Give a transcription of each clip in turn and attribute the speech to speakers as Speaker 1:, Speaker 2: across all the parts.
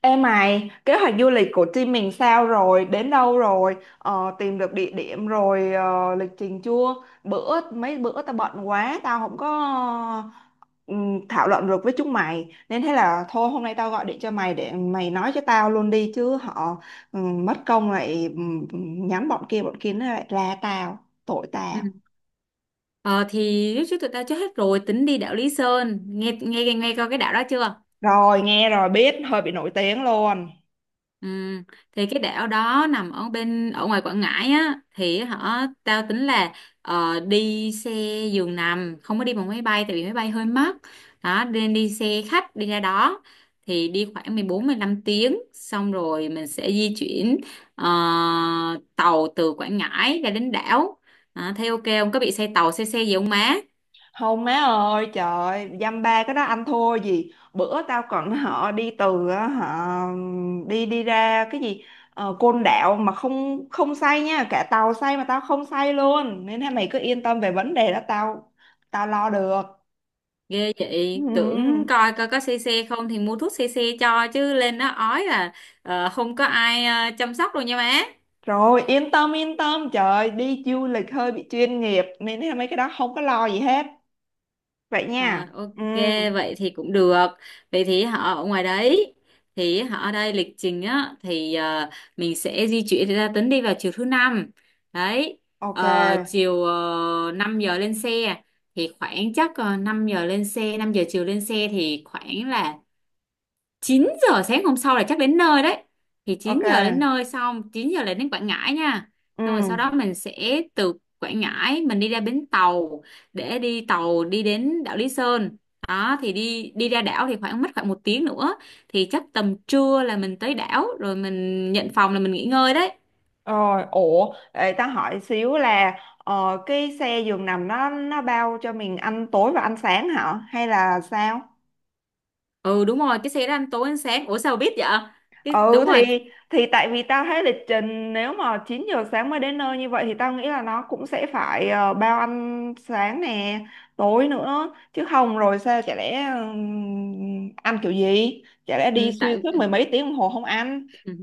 Speaker 1: Ê mày, kế hoạch du lịch của team mình sao rồi? Đến đâu rồi? Ờ, tìm được địa điểm rồi, lịch trình chưa? Mấy bữa tao bận quá, tao không có ờ, thảo luận được với chúng mày. Nên thế là thôi hôm nay tao gọi điện cho mày để mày nói cho tao luôn đi chứ họ mất công lại nhắm bọn kia nó lại la tao, tội
Speaker 2: Ừ.
Speaker 1: tao.
Speaker 2: Ờ, thì riết trước tụi tao chơi hết rồi tính đi đảo Lý Sơn nghe nghe nghe coi cái đảo đó chưa.
Speaker 1: Rồi nghe rồi biết, hơi bị nổi tiếng luôn.
Speaker 2: Ừ. Thì cái đảo đó nằm ở ngoài Quảng Ngãi á, thì họ tao tính là đi xe giường nằm, không có đi bằng máy bay tại vì máy bay hơi mắc đó, nên đi xe khách đi ra đó. Thì đi khoảng mười bốn mười 15 tiếng xong rồi mình sẽ di chuyển ờ, tàu từ Quảng Ngãi ra đến đảo. À, thấy ok không, có bị xe tàu xe xe gì không má?
Speaker 1: Không má ơi trời, dăm ba cái đó anh thua gì, bữa tao còn họ đi từ á, họ đi đi ra cái gì Côn Đảo mà không không say nha, cả tàu say mà tao không say luôn, nên là mày cứ yên tâm về vấn đề đó, tao tao lo được.
Speaker 2: Ghê
Speaker 1: Ừ.
Speaker 2: vậy, tưởng coi coi có xe xe không thì mua thuốc xe xe cho, chứ lên đó ói là không có ai chăm sóc đâu nha má.
Speaker 1: Rồi, yên tâm yên tâm, trời, đi du lịch hơi bị chuyên nghiệp nên thế mấy cái đó không có lo gì hết, vậy
Speaker 2: Rồi
Speaker 1: nha.
Speaker 2: ok,
Speaker 1: Ừ,
Speaker 2: vậy thì cũng được. Vậy thì họ ở ngoài đấy, thì họ ở đây lịch trình á thì mình sẽ di chuyển ra Tấn đi vào chiều thứ năm. Đấy.
Speaker 1: ok,
Speaker 2: Chiều 5 giờ lên xe thì khoảng chắc 5 giờ lên xe, 5 giờ chiều lên xe thì khoảng là 9 giờ sáng hôm sau là chắc đến nơi đấy. Thì chín
Speaker 1: ok,
Speaker 2: giờ đến nơi, xong 9 giờ là đến Quảng Ngãi nha.
Speaker 1: ừ.
Speaker 2: Xong rồi sau đó mình sẽ từ Quảng Ngãi mình đi ra bến tàu để đi tàu đi đến đảo Lý Sơn đó. Thì đi đi ra đảo thì khoảng mất khoảng một tiếng nữa. Thì chắc tầm trưa là mình tới đảo rồi mình nhận phòng là mình nghỉ ngơi đấy.
Speaker 1: Rồi, ủa, để ta hỏi xíu là cái xe giường nằm nó bao cho mình ăn tối và ăn sáng hả? Hay là sao?
Speaker 2: Ừ, đúng rồi, cái xe đó ăn tối ăn sáng. Ủa sao bà biết vậy? Cái
Speaker 1: Ừ
Speaker 2: đúng rồi.
Speaker 1: thì tại vì tao thấy lịch trình nếu mà 9 giờ sáng mới đến nơi như vậy thì tao nghĩ là nó cũng sẽ phải bao ăn sáng nè, tối nữa, chứ không rồi sao, chả lẽ ăn kiểu gì? Chả lẽ đi
Speaker 2: ừ,
Speaker 1: xuyên
Speaker 2: tại
Speaker 1: suốt mười mấy tiếng đồng hồ không ăn?
Speaker 2: ừ.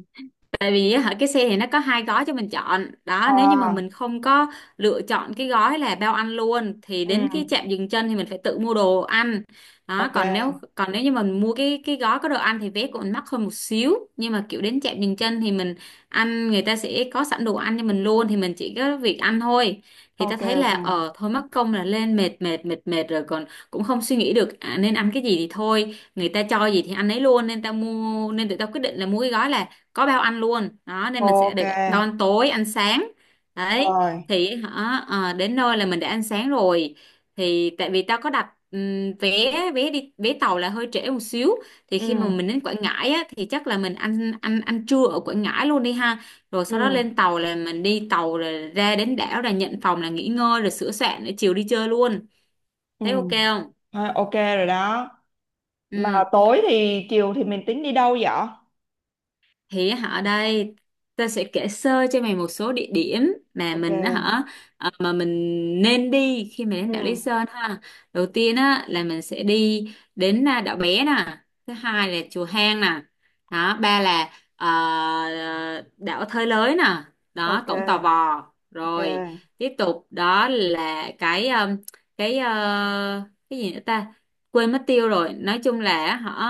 Speaker 2: Tại vì á, hả, cái xe thì nó có hai gói cho mình chọn đó. Nếu như mà
Speaker 1: ờ
Speaker 2: mình không có lựa chọn cái gói là bao ăn luôn thì đến cái
Speaker 1: ừ,
Speaker 2: trạm dừng chân thì mình phải tự mua đồ ăn đó.
Speaker 1: ok,
Speaker 2: Còn nếu như mình mua cái gói có đồ ăn thì vé của mình mắc hơn một xíu, nhưng mà kiểu đến trạm dừng chân thì mình ăn người ta sẽ có sẵn đồ ăn cho mình luôn thì mình chỉ có việc ăn thôi. Thì ta
Speaker 1: ok,
Speaker 2: thấy là
Speaker 1: ok,
Speaker 2: thôi mất công là lên mệt mệt mệt mệt rồi còn cũng không suy nghĩ được à, nên ăn cái gì thì thôi, người ta cho gì thì ăn ấy luôn, nên ta mua, nên tụi tao quyết định là mua cái gói là có bao ăn luôn đó, nên mình sẽ
Speaker 1: ok,
Speaker 2: được bao ăn tối ăn sáng đấy.
Speaker 1: rồi,
Speaker 2: Thì hả đến nơi là mình đã ăn sáng rồi. Thì tại vì tao có đặt vé vé đi vé tàu là hơi trễ một xíu. Thì
Speaker 1: ừ,
Speaker 2: khi mà mình đến Quảng Ngãi á, thì chắc là mình ăn ăn ăn trưa ở Quảng Ngãi luôn đi ha. Rồi sau đó
Speaker 1: ừ.
Speaker 2: lên tàu là mình đi tàu rồi ra đến đảo là nhận phòng là nghỉ ngơi rồi sửa soạn để chiều đi chơi luôn.
Speaker 1: Ừ.
Speaker 2: Thấy ok không?
Speaker 1: Thôi, ok rồi đó. Mà
Speaker 2: Ừ.
Speaker 1: tối thì Chiều thì mình tính đi đâu vậy?
Speaker 2: Thì á, hả, đây ta sẽ kể sơ cho mày một số địa điểm mà
Speaker 1: Ok.
Speaker 2: mình á hả mà mình nên đi khi mà đến đảo Lý
Speaker 1: Ừ.
Speaker 2: Sơn ha. Đầu tiên á là mình sẽ đi đến à, đảo Bé nè. Thứ hai là chùa Hang nè. Đó, ba là đảo Thới Lới nè. Đó,
Speaker 1: Ok.
Speaker 2: cổng Tò Vò
Speaker 1: Ok.
Speaker 2: rồi. Tiếp tục đó là cái cái gì nữa ta, quên mất tiêu rồi, nói chung là họ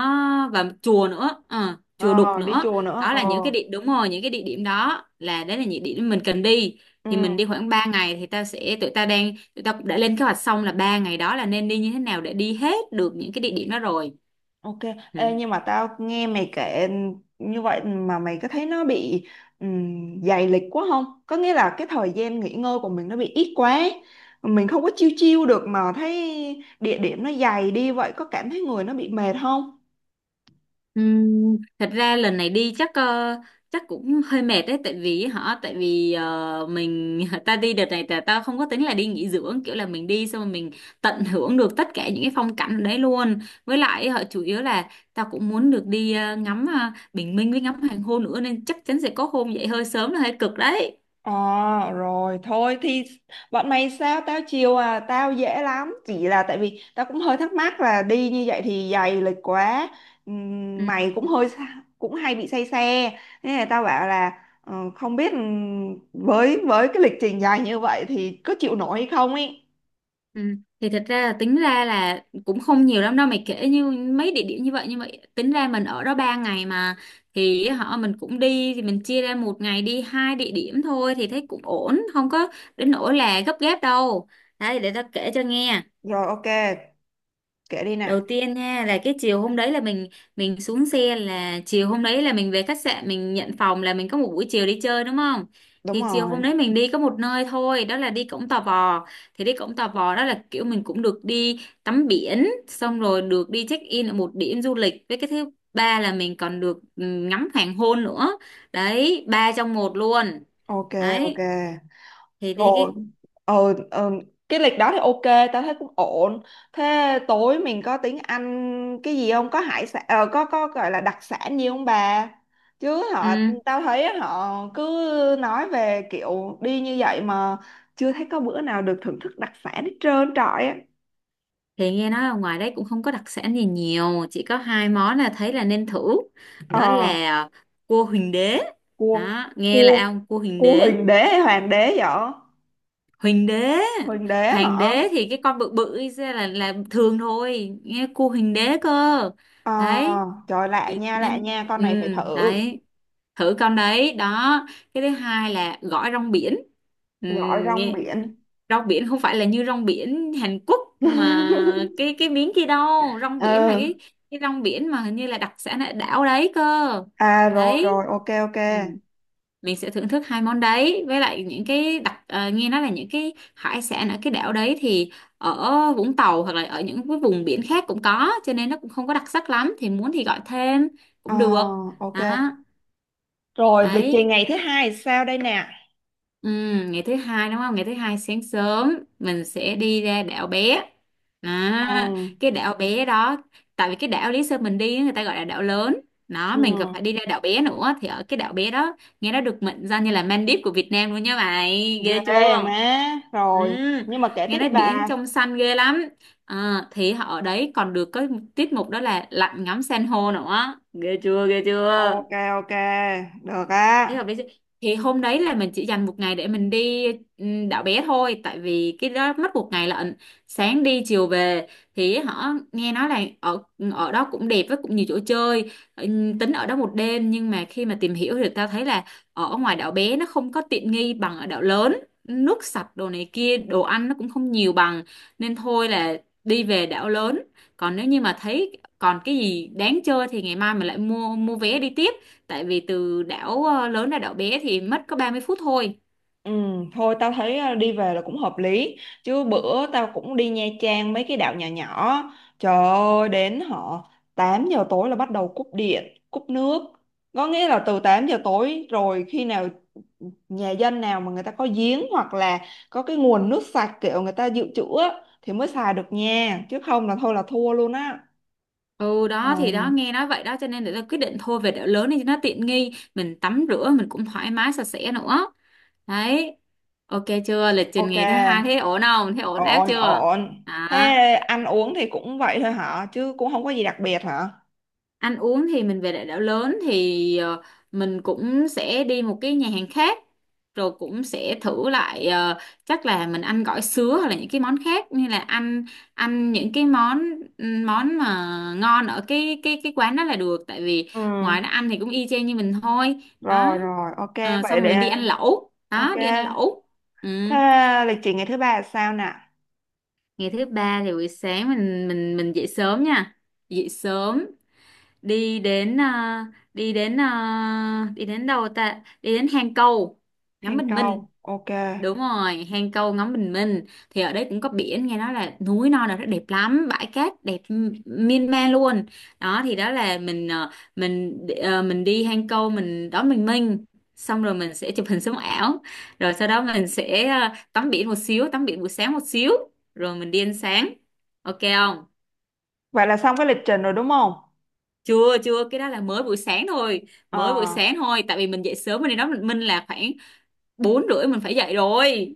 Speaker 2: và chùa nữa. Ờ, Chùa
Speaker 1: Ờ,
Speaker 2: Đục
Speaker 1: đi
Speaker 2: nữa.
Speaker 1: chùa nữa.
Speaker 2: Đó
Speaker 1: Ờ.
Speaker 2: là những cái địa đúng rồi, những cái địa điểm đó là đấy là những địa điểm mình cần đi.
Speaker 1: Ừ.
Speaker 2: Thì mình đi khoảng 3 ngày thì tao sẽ tụi tao đang tụi tao cũng đã lên kế hoạch xong là ba ngày đó là nên đi như thế nào để đi hết được những cái địa điểm đó rồi.
Speaker 1: Ok. Ê,
Speaker 2: Ừ.
Speaker 1: nhưng mà tao nghe mày kể như vậy mà mày có thấy nó bị dày lịch quá không? Có nghĩa là cái thời gian nghỉ ngơi của mình nó bị ít quá. Mình không có chiêu chiêu được mà thấy địa điểm nó dày đi vậy, có cảm thấy người nó bị mệt không?
Speaker 2: Thật ra lần này đi chắc chắc cũng hơi mệt đấy, tại vì họ tại vì mình ta đi đợt này là tao không có tính là đi nghỉ dưỡng kiểu là mình đi xong rồi mình tận hưởng được tất cả những cái phong cảnh ở đấy luôn. Với lại họ chủ yếu là tao cũng muốn được đi ngắm bình minh với ngắm hoàng hôn nữa, nên chắc chắn sẽ có hôm dậy hơi sớm là hơi cực đấy.
Speaker 1: À, rồi thôi thì bọn mày sao tao chiều, à tao dễ lắm, chỉ là tại vì tao cũng hơi thắc mắc là đi như vậy thì dày lịch quá.
Speaker 2: Ừ.
Speaker 1: Mày cũng cũng hay bị say xe, nên là tao bảo là không biết với cái lịch trình dài như vậy thì có chịu nổi hay không ấy.
Speaker 2: Ừ. Thì thật ra là tính ra là cũng không nhiều lắm đâu mày, kể như mấy địa điểm như vậy, như vậy tính ra mình ở đó 3 ngày mà. Thì họ mình cũng đi thì mình chia ra một ngày đi hai địa điểm thôi thì thấy cũng ổn, không có đến nỗi là gấp gáp đâu đấy. Để tao kể cho nghe.
Speaker 1: Rồi, ok, kể đi
Speaker 2: Đầu
Speaker 1: nè.
Speaker 2: tiên nha là cái chiều hôm đấy là mình xuống xe là chiều hôm đấy là mình về khách sạn mình nhận phòng là mình có một buổi chiều đi chơi đúng không?
Speaker 1: Đúng
Speaker 2: Thì chiều hôm
Speaker 1: rồi.
Speaker 2: đấy mình đi có một nơi thôi, đó là đi Cổng Tò Vò. Thì đi Cổng Tò Vò đó là kiểu mình cũng được đi tắm biển xong rồi được đi check in ở một điểm du lịch, với cái thứ ba là mình còn được ngắm hoàng hôn nữa. Đấy, ba trong một luôn.
Speaker 1: Ok, ok,
Speaker 2: Đấy, thì đi
Speaker 1: rồi,
Speaker 2: cái
Speaker 1: ờ, ờ, cái lịch đó thì ok, tao thấy cũng ổn. Thế tối mình có tiếng Anh cái gì không, có hải sản có gọi là đặc sản gì không bà? Chứ họ
Speaker 2: ừ.
Speaker 1: tao thấy họ cứ nói về kiểu đi như vậy mà chưa thấy có bữa nào được thưởng thức đặc sản hết trơn trọi á.
Speaker 2: Thì nghe nói là ngoài đấy cũng không có đặc sản gì nhiều, chỉ có hai món là thấy là nên thử,
Speaker 1: ờ
Speaker 2: đó là cua huỳnh đế.
Speaker 1: cua
Speaker 2: Đó, nghe
Speaker 1: cua
Speaker 2: là ông cua huỳnh
Speaker 1: cua
Speaker 2: đế.
Speaker 1: huỳnh đế hay hoàng đế vậy?
Speaker 2: Huỳnh đế,
Speaker 1: Huỳnh đế
Speaker 2: hoàng
Speaker 1: hả?
Speaker 2: đế thì cái con bự bự ấy ra là thường thôi, nghe cua huỳnh đế cơ.
Speaker 1: ờ
Speaker 2: Đấy,
Speaker 1: Trời, lạ
Speaker 2: thì
Speaker 1: nha, lạ
Speaker 2: nên
Speaker 1: nha, con
Speaker 2: ừ,
Speaker 1: này phải thử.
Speaker 2: đấy, thử con đấy đó. Cái thứ hai là gỏi rong biển. Ừ,
Speaker 1: Gỏi rong
Speaker 2: nghe
Speaker 1: biển.
Speaker 2: rong biển không phải là như rong biển Hàn Quốc mà cái miếng kia đâu, rong biển là cái
Speaker 1: Ừ,
Speaker 2: cái rong biển mà hình như là đặc sản ở đảo đấy cơ.
Speaker 1: à, rồi rồi,
Speaker 2: Đấy.
Speaker 1: ok, ok,
Speaker 2: Ừ. Mình sẽ thưởng thức hai món đấy, với lại những cái nghe nói là những cái hải sản ở cái đảo đấy thì ở Vũng Tàu hoặc là ở những cái vùng biển khác cũng có, cho nên nó cũng không có đặc sắc lắm, thì muốn thì gọi thêm
Speaker 1: ờ
Speaker 2: cũng được.
Speaker 1: ok.
Speaker 2: Đó.
Speaker 1: Rồi, lịch
Speaker 2: Đấy.
Speaker 1: trình ngày thứ hai thì sao đây nè?
Speaker 2: Ừ, ngày thứ hai đúng không? Ngày thứ hai sáng sớm mình sẽ đi ra đảo bé. À,
Speaker 1: Ừ,
Speaker 2: cái đảo bé đó, tại vì cái đảo Lý Sơn mình đi á, người ta gọi là đảo lớn. Nó
Speaker 1: ừ.
Speaker 2: mình còn phải đi ra đảo bé nữa, thì ở cái đảo bé đó nghe nó được mệnh danh như là Maldives của Việt Nam luôn nha mày. Ghê
Speaker 1: Ghê
Speaker 2: chưa?
Speaker 1: má.
Speaker 2: Ừ,
Speaker 1: Rồi, nhưng mà kể
Speaker 2: nghe
Speaker 1: tiếp đi
Speaker 2: nói biển
Speaker 1: bà.
Speaker 2: trong xanh ghê lắm. À, thì họ ở đấy còn được có tiết mục đó là lặn ngắm san hô nữa. Ghê chưa? Ghê chưa?
Speaker 1: Ok, ok, được
Speaker 2: Thế
Speaker 1: á.
Speaker 2: hợp lý chứ. Thì hôm đấy là mình chỉ dành một ngày để mình đi đảo bé thôi, tại vì cái đó mất một ngày lận, sáng đi chiều về. Thì họ nghe nói là ở ở đó cũng đẹp với cũng nhiều chỗ chơi. Tính ở đó một đêm, nhưng mà khi mà tìm hiểu thì tao thấy là ở ngoài đảo bé nó không có tiện nghi bằng ở đảo lớn, nước sạch đồ này kia, đồ ăn nó cũng không nhiều bằng, nên thôi là đi về đảo lớn. Còn nếu như mà thấy còn cái gì đáng chơi thì ngày mai mình lại mua mua vé đi tiếp, tại vì từ đảo lớn ra đảo bé thì mất có 30 phút thôi.
Speaker 1: Ừ, thôi tao thấy đi về là cũng hợp lý, chứ bữa tao cũng đi Nha Trang mấy cái đảo nhỏ nhỏ, trời ơi, đến họ 8 giờ tối là bắt đầu cúp điện cúp nước, có nghĩa là từ 8 giờ tối rồi, khi nào nhà dân nào mà người ta có giếng, hoặc là có cái nguồn nước sạch kiểu người ta dự trữ á, thì mới xài được nha, chứ không là thôi là thua luôn á.
Speaker 2: Ừ,
Speaker 1: Ừ,
Speaker 2: đó thì đó nghe nói vậy đó cho nên là quyết định thôi về đảo lớn đi cho nó tiện nghi, mình tắm rửa mình cũng thoải mái sạch sẽ nữa. Đấy. Ok chưa? Lịch trình
Speaker 1: ok,
Speaker 2: ngày thứ hai thế ổn không? Thế ổn áp
Speaker 1: ổn
Speaker 2: chưa?
Speaker 1: ổn.
Speaker 2: Đó.
Speaker 1: Thế ăn uống thì cũng vậy thôi hả, chứ cũng không có gì đặc biệt hả?
Speaker 2: Ăn uống thì mình về đại đảo lớn thì mình cũng sẽ đi một cái nhà hàng khác, rồi cũng sẽ thử lại chắc là mình ăn gỏi sứa hoặc là những cái món khác, như là ăn ăn những cái món món mà ngon ở cái quán đó là được, tại vì
Speaker 1: Ừ.
Speaker 2: ngoài nó ăn thì cũng y chang như mình thôi. đó.
Speaker 1: Rồi rồi, ok,
Speaker 2: Ờ,
Speaker 1: vậy
Speaker 2: xong rồi mình đi
Speaker 1: để
Speaker 2: ăn lẩu,
Speaker 1: ok.
Speaker 2: đó đi ăn lẩu. Ừ.
Speaker 1: Thế lịch trình ngày thứ ba là sao nè?
Speaker 2: Ngày thứ ba thì buổi sáng mình dậy sớm nha. Dậy sớm, đi đến— đi đến đâu ta? Đi đến hang câu ngắm
Speaker 1: Thành
Speaker 2: bình
Speaker 1: công.
Speaker 2: minh.
Speaker 1: Ok.
Speaker 2: Đúng rồi, hang câu ngắm bình minh thì ở đấy cũng có biển, nghe nói là núi non là rất đẹp lắm, bãi cát đẹp miên man luôn. Đó, thì đó là mình đi hang câu, mình đón bình minh. Xong rồi mình sẽ chụp hình sống ảo, rồi sau đó mình sẽ tắm biển một xíu, tắm biển buổi sáng một xíu, rồi mình đi ăn sáng. Ok không?
Speaker 1: Vậy là xong cái lịch trình rồi đúng không?
Speaker 2: Chưa chưa, cái đó là mới buổi sáng thôi. Mới buổi
Speaker 1: Ờ,
Speaker 2: sáng thôi tại vì mình dậy sớm, nên đó mình là khoảng 4 rưỡi mình phải dậy rồi.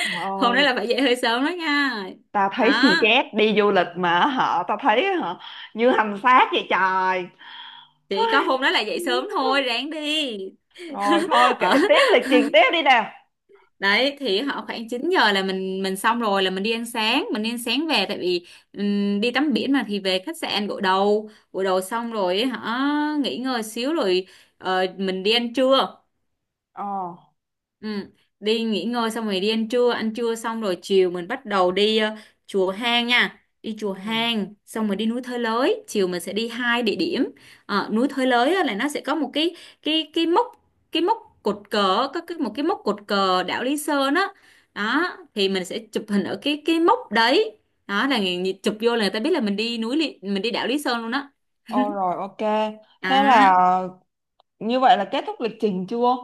Speaker 1: trời
Speaker 2: Hôm đó
Speaker 1: ơi,
Speaker 2: là phải dậy hơi sớm đó nha.
Speaker 1: tao thấy xì
Speaker 2: Đó,
Speaker 1: chét, đi du lịch mà họ tao thấy hả, như hành xác vậy trời.
Speaker 2: chỉ có
Speaker 1: Ai.
Speaker 2: hôm đó là dậy sớm thôi, ráng đi.
Speaker 1: Rồi thôi,
Speaker 2: Ở
Speaker 1: kể tiếp lịch trình tiếp đi nào.
Speaker 2: đấy thì họ khoảng 9 giờ là mình xong rồi, là mình đi ăn sáng. Mình đi ăn sáng về, tại vì đi tắm biển mà, thì về khách sạn gội đầu. Xong rồi họ nghỉ ngơi xíu rồi mình đi ăn trưa.
Speaker 1: Ờ.
Speaker 2: Ừ, đi nghỉ ngơi xong rồi đi ăn trưa xong rồi chiều mình bắt đầu đi chùa Hang nha. Đi chùa
Speaker 1: Ừ.
Speaker 2: Hang xong rồi đi núi Thới Lới, chiều mình sẽ đi hai địa điểm. Ờ, núi Thới Lới á là nó sẽ có một cái— cái cái mốc cái mốc cột cờ, có cái một cái mốc cột cờ đảo Lý Sơn á. Đó, thì mình sẽ chụp hình ở cái mốc đấy. Đó là người— chụp vô là người ta biết là mình đi núi Lý— mình đi đảo Lý Sơn luôn á.
Speaker 1: Ô rồi ok. Thế là
Speaker 2: Đó.
Speaker 1: như vậy là kết thúc lịch trình chưa?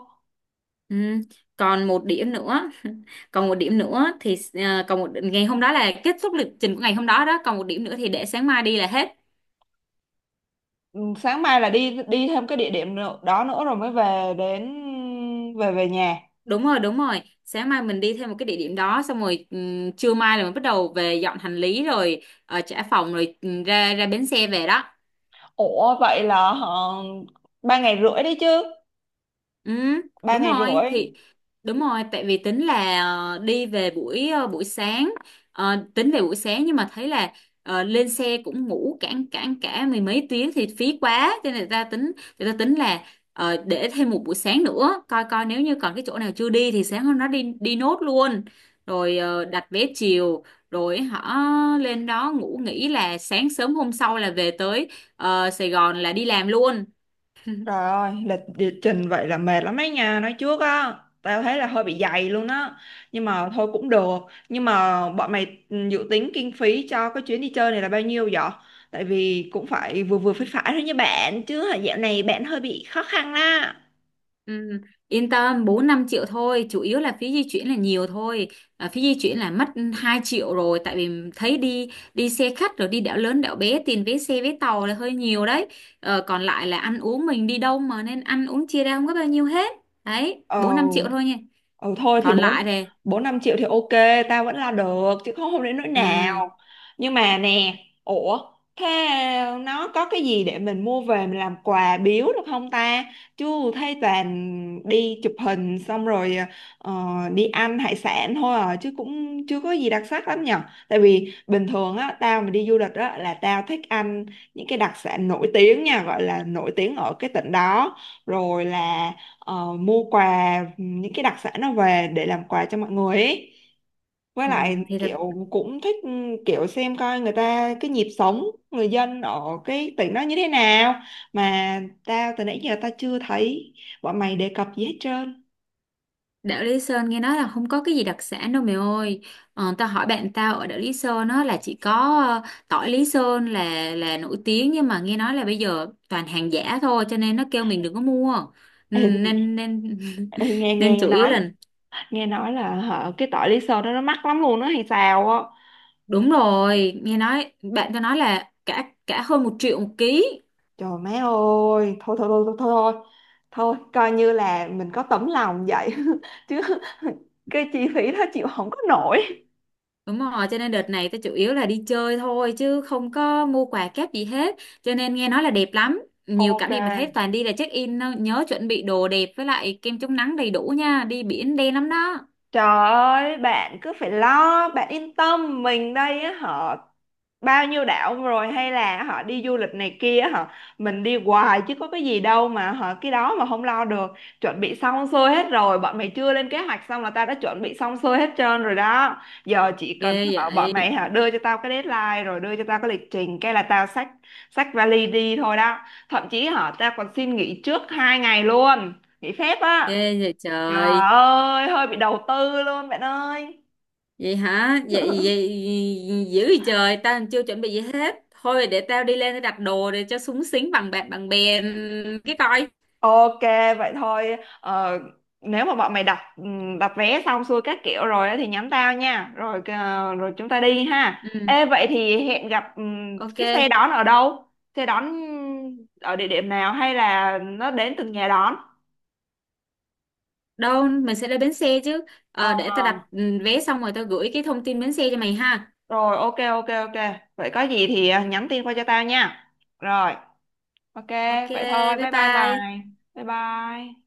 Speaker 2: Ừ. Còn một điểm nữa, còn một điểm nữa thì còn một ngày hôm đó là kết thúc lịch trình của ngày hôm đó đó, còn một điểm nữa thì để sáng mai đi là hết.
Speaker 1: Ừ, sáng mai là đi đi thêm cái đó nữa rồi mới về đến, về về nhà.
Speaker 2: Đúng rồi, đúng rồi, sáng mai mình đi thêm một cái địa điểm đó, xong rồi trưa mai là mình bắt đầu về dọn hành lý rồi trả phòng rồi ra ra bến xe về đó.
Speaker 1: Ủa vậy là họ 3 ngày rưỡi đấy chứ.
Speaker 2: Ừ,
Speaker 1: ba
Speaker 2: đúng
Speaker 1: ngày
Speaker 2: rồi thì—
Speaker 1: rưỡi
Speaker 2: đúng rồi, tại vì tính là đi về buổi sáng. Ờ, tính về buổi sáng nhưng mà thấy là lên xe cũng ngủ cả cả cả mười mấy tiếng thì phí quá, cho nên người ta tính là để thêm một buổi sáng nữa, coi coi nếu như còn cái chỗ nào chưa đi thì sáng hôm đó đi đi nốt luôn, rồi đặt vé chiều, rồi họ lên đó ngủ nghỉ, là sáng sớm hôm sau là về tới Sài Gòn là đi làm luôn.
Speaker 1: Trời ơi, lịch địa trình vậy là mệt lắm đấy nha, nói trước á, tao thấy là hơi bị dày luôn á, nhưng mà thôi cũng được. Nhưng mà bọn mày dự tính kinh phí cho cái chuyến đi chơi này là bao nhiêu vậy? Tại vì cũng phải vừa vừa phải phải thôi nha bạn, chứ hả dạo này bạn hơi bị khó khăn á.
Speaker 2: Ừ, yên tâm, 4 5 triệu thôi, chủ yếu là phí di chuyển là nhiều thôi. À, phí di chuyển là mất 2 triệu rồi, tại vì thấy đi đi xe khách rồi đi đảo lớn đảo bé, tiền vé xe vé tàu là hơi nhiều đấy. Ờ, còn lại là ăn uống, mình đi đâu mà, nên ăn uống chia ra không có bao nhiêu hết. Đấy,
Speaker 1: Ồ.
Speaker 2: 4-5 triệu thôi nha.
Speaker 1: Ừ thôi thì
Speaker 2: Còn lại
Speaker 1: bốn
Speaker 2: thì—
Speaker 1: 4-5 triệu thì ok, tao vẫn lo được, chứ không không đến nỗi
Speaker 2: ừ,
Speaker 1: nào. Nhưng mà nè, ủa, thế nó có cái gì để mình mua về mình làm quà biếu được không ta? Chứ thấy toàn đi chụp hình xong rồi ờ, đi ăn hải sản thôi à, chứ cũng chưa có gì đặc sắc lắm nhở. Tại vì bình thường á, tao mà đi du lịch á là tao thích ăn những cái đặc sản nổi tiếng nha, gọi là nổi tiếng ở cái tỉnh đó, rồi là mua quà những cái đặc sản nó về để làm quà cho mọi người ấy. Với
Speaker 2: ừ,
Speaker 1: lại
Speaker 2: thì thật—
Speaker 1: kiểu cũng thích kiểu xem coi người ta cái nhịp sống người dân ở cái tỉnh đó như thế nào, mà tao từ nãy giờ tao chưa thấy bọn mày đề cập gì hết trơn.
Speaker 2: Đảo Lý Sơn nghe nói là không có cái gì đặc sản đâu mày ơi. Ờ, tao hỏi bạn tao ở đảo Lý Sơn á là chỉ có tỏi Lý Sơn là— là nổi tiếng, nhưng mà nghe nói là bây giờ toàn hàng giả thôi, cho nên nó kêu mình đừng có mua. Ừ,
Speaker 1: Ê,
Speaker 2: nên nên
Speaker 1: ê, nghe
Speaker 2: nên chủ yếu là—
Speaker 1: nghe nói là hả, cái tỏi Lý Sơn đó nó mắc lắm luôn đó hay sao á.
Speaker 2: đúng rồi, nghe nói bạn tao nói là cả cả hơn 1 triệu một ký.
Speaker 1: Trời má ơi, thôi thôi thôi thôi thôi. Thôi. Thôi, coi như là mình có tấm lòng vậy, chứ cái chi phí đó chịu không có nổi.
Speaker 2: Đúng rồi, cho nên đợt này tôi chủ yếu là đi chơi thôi chứ không có mua quà kép gì hết. Cho nên nghe nói là đẹp lắm, nhiều cảnh
Speaker 1: Ok.
Speaker 2: đẹp mà thấy toàn đi là check in thôi. Nhớ chuẩn bị đồ đẹp với lại kem chống nắng đầy đủ nha, đi biển đen lắm đó.
Speaker 1: Trời ơi, bạn cứ phải lo, bạn yên tâm, mình đây á họ bao nhiêu đảo rồi, hay là họ đi du lịch này kia á, họ mình đi hoài chứ có cái gì đâu mà họ cái đó mà không lo được. Chuẩn bị xong xuôi hết rồi, bọn mày chưa lên kế hoạch xong là tao đã chuẩn bị xong xuôi hết trơn rồi đó. Giờ chỉ
Speaker 2: Ghê
Speaker 1: cần họ bọn
Speaker 2: vậy,
Speaker 1: mày họ đưa cho tao cái deadline, rồi đưa cho tao cái lịch trình cái là tao xách xách vali đi thôi đó. Thậm chí họ tao còn xin nghỉ trước 2 ngày luôn, nghỉ phép á.
Speaker 2: ghê vậy
Speaker 1: Trời
Speaker 2: trời.
Speaker 1: ơi, hơi bị đầu tư luôn bạn ơi.
Speaker 2: Vậy hả? Vậy, vậy dữ vậy trời, tao chưa chuẩn bị gì hết. Thôi để tao đi lên để đặt đồ để cho súng xính bằng bạn bằng bè cái coi.
Speaker 1: Ok, vậy thôi. Ờ, nếu mà bọn mày đặt đặt vé xong xuôi các kiểu rồi á thì nhắn tao nha. Rồi rồi chúng ta đi ha.
Speaker 2: Ừ,
Speaker 1: Ê vậy thì hẹn gặp cái xe
Speaker 2: ok.
Speaker 1: đón ở đâu? Xe đón ở địa điểm nào hay là nó đến từng nhà đón?
Speaker 2: Đâu mình sẽ đến bến xe chứ.
Speaker 1: Ờ,
Speaker 2: Ờ, để tao đặt ừ, vé xong rồi tao gửi cái thông tin bến xe cho mày ha.
Speaker 1: rồi, ok ok ok. Vậy có gì thì nhắn tin qua cho tao nha. Rồi, ok,
Speaker 2: Ok,
Speaker 1: vậy thôi.
Speaker 2: bye
Speaker 1: Bye bye
Speaker 2: bye.
Speaker 1: mày. Bye bye.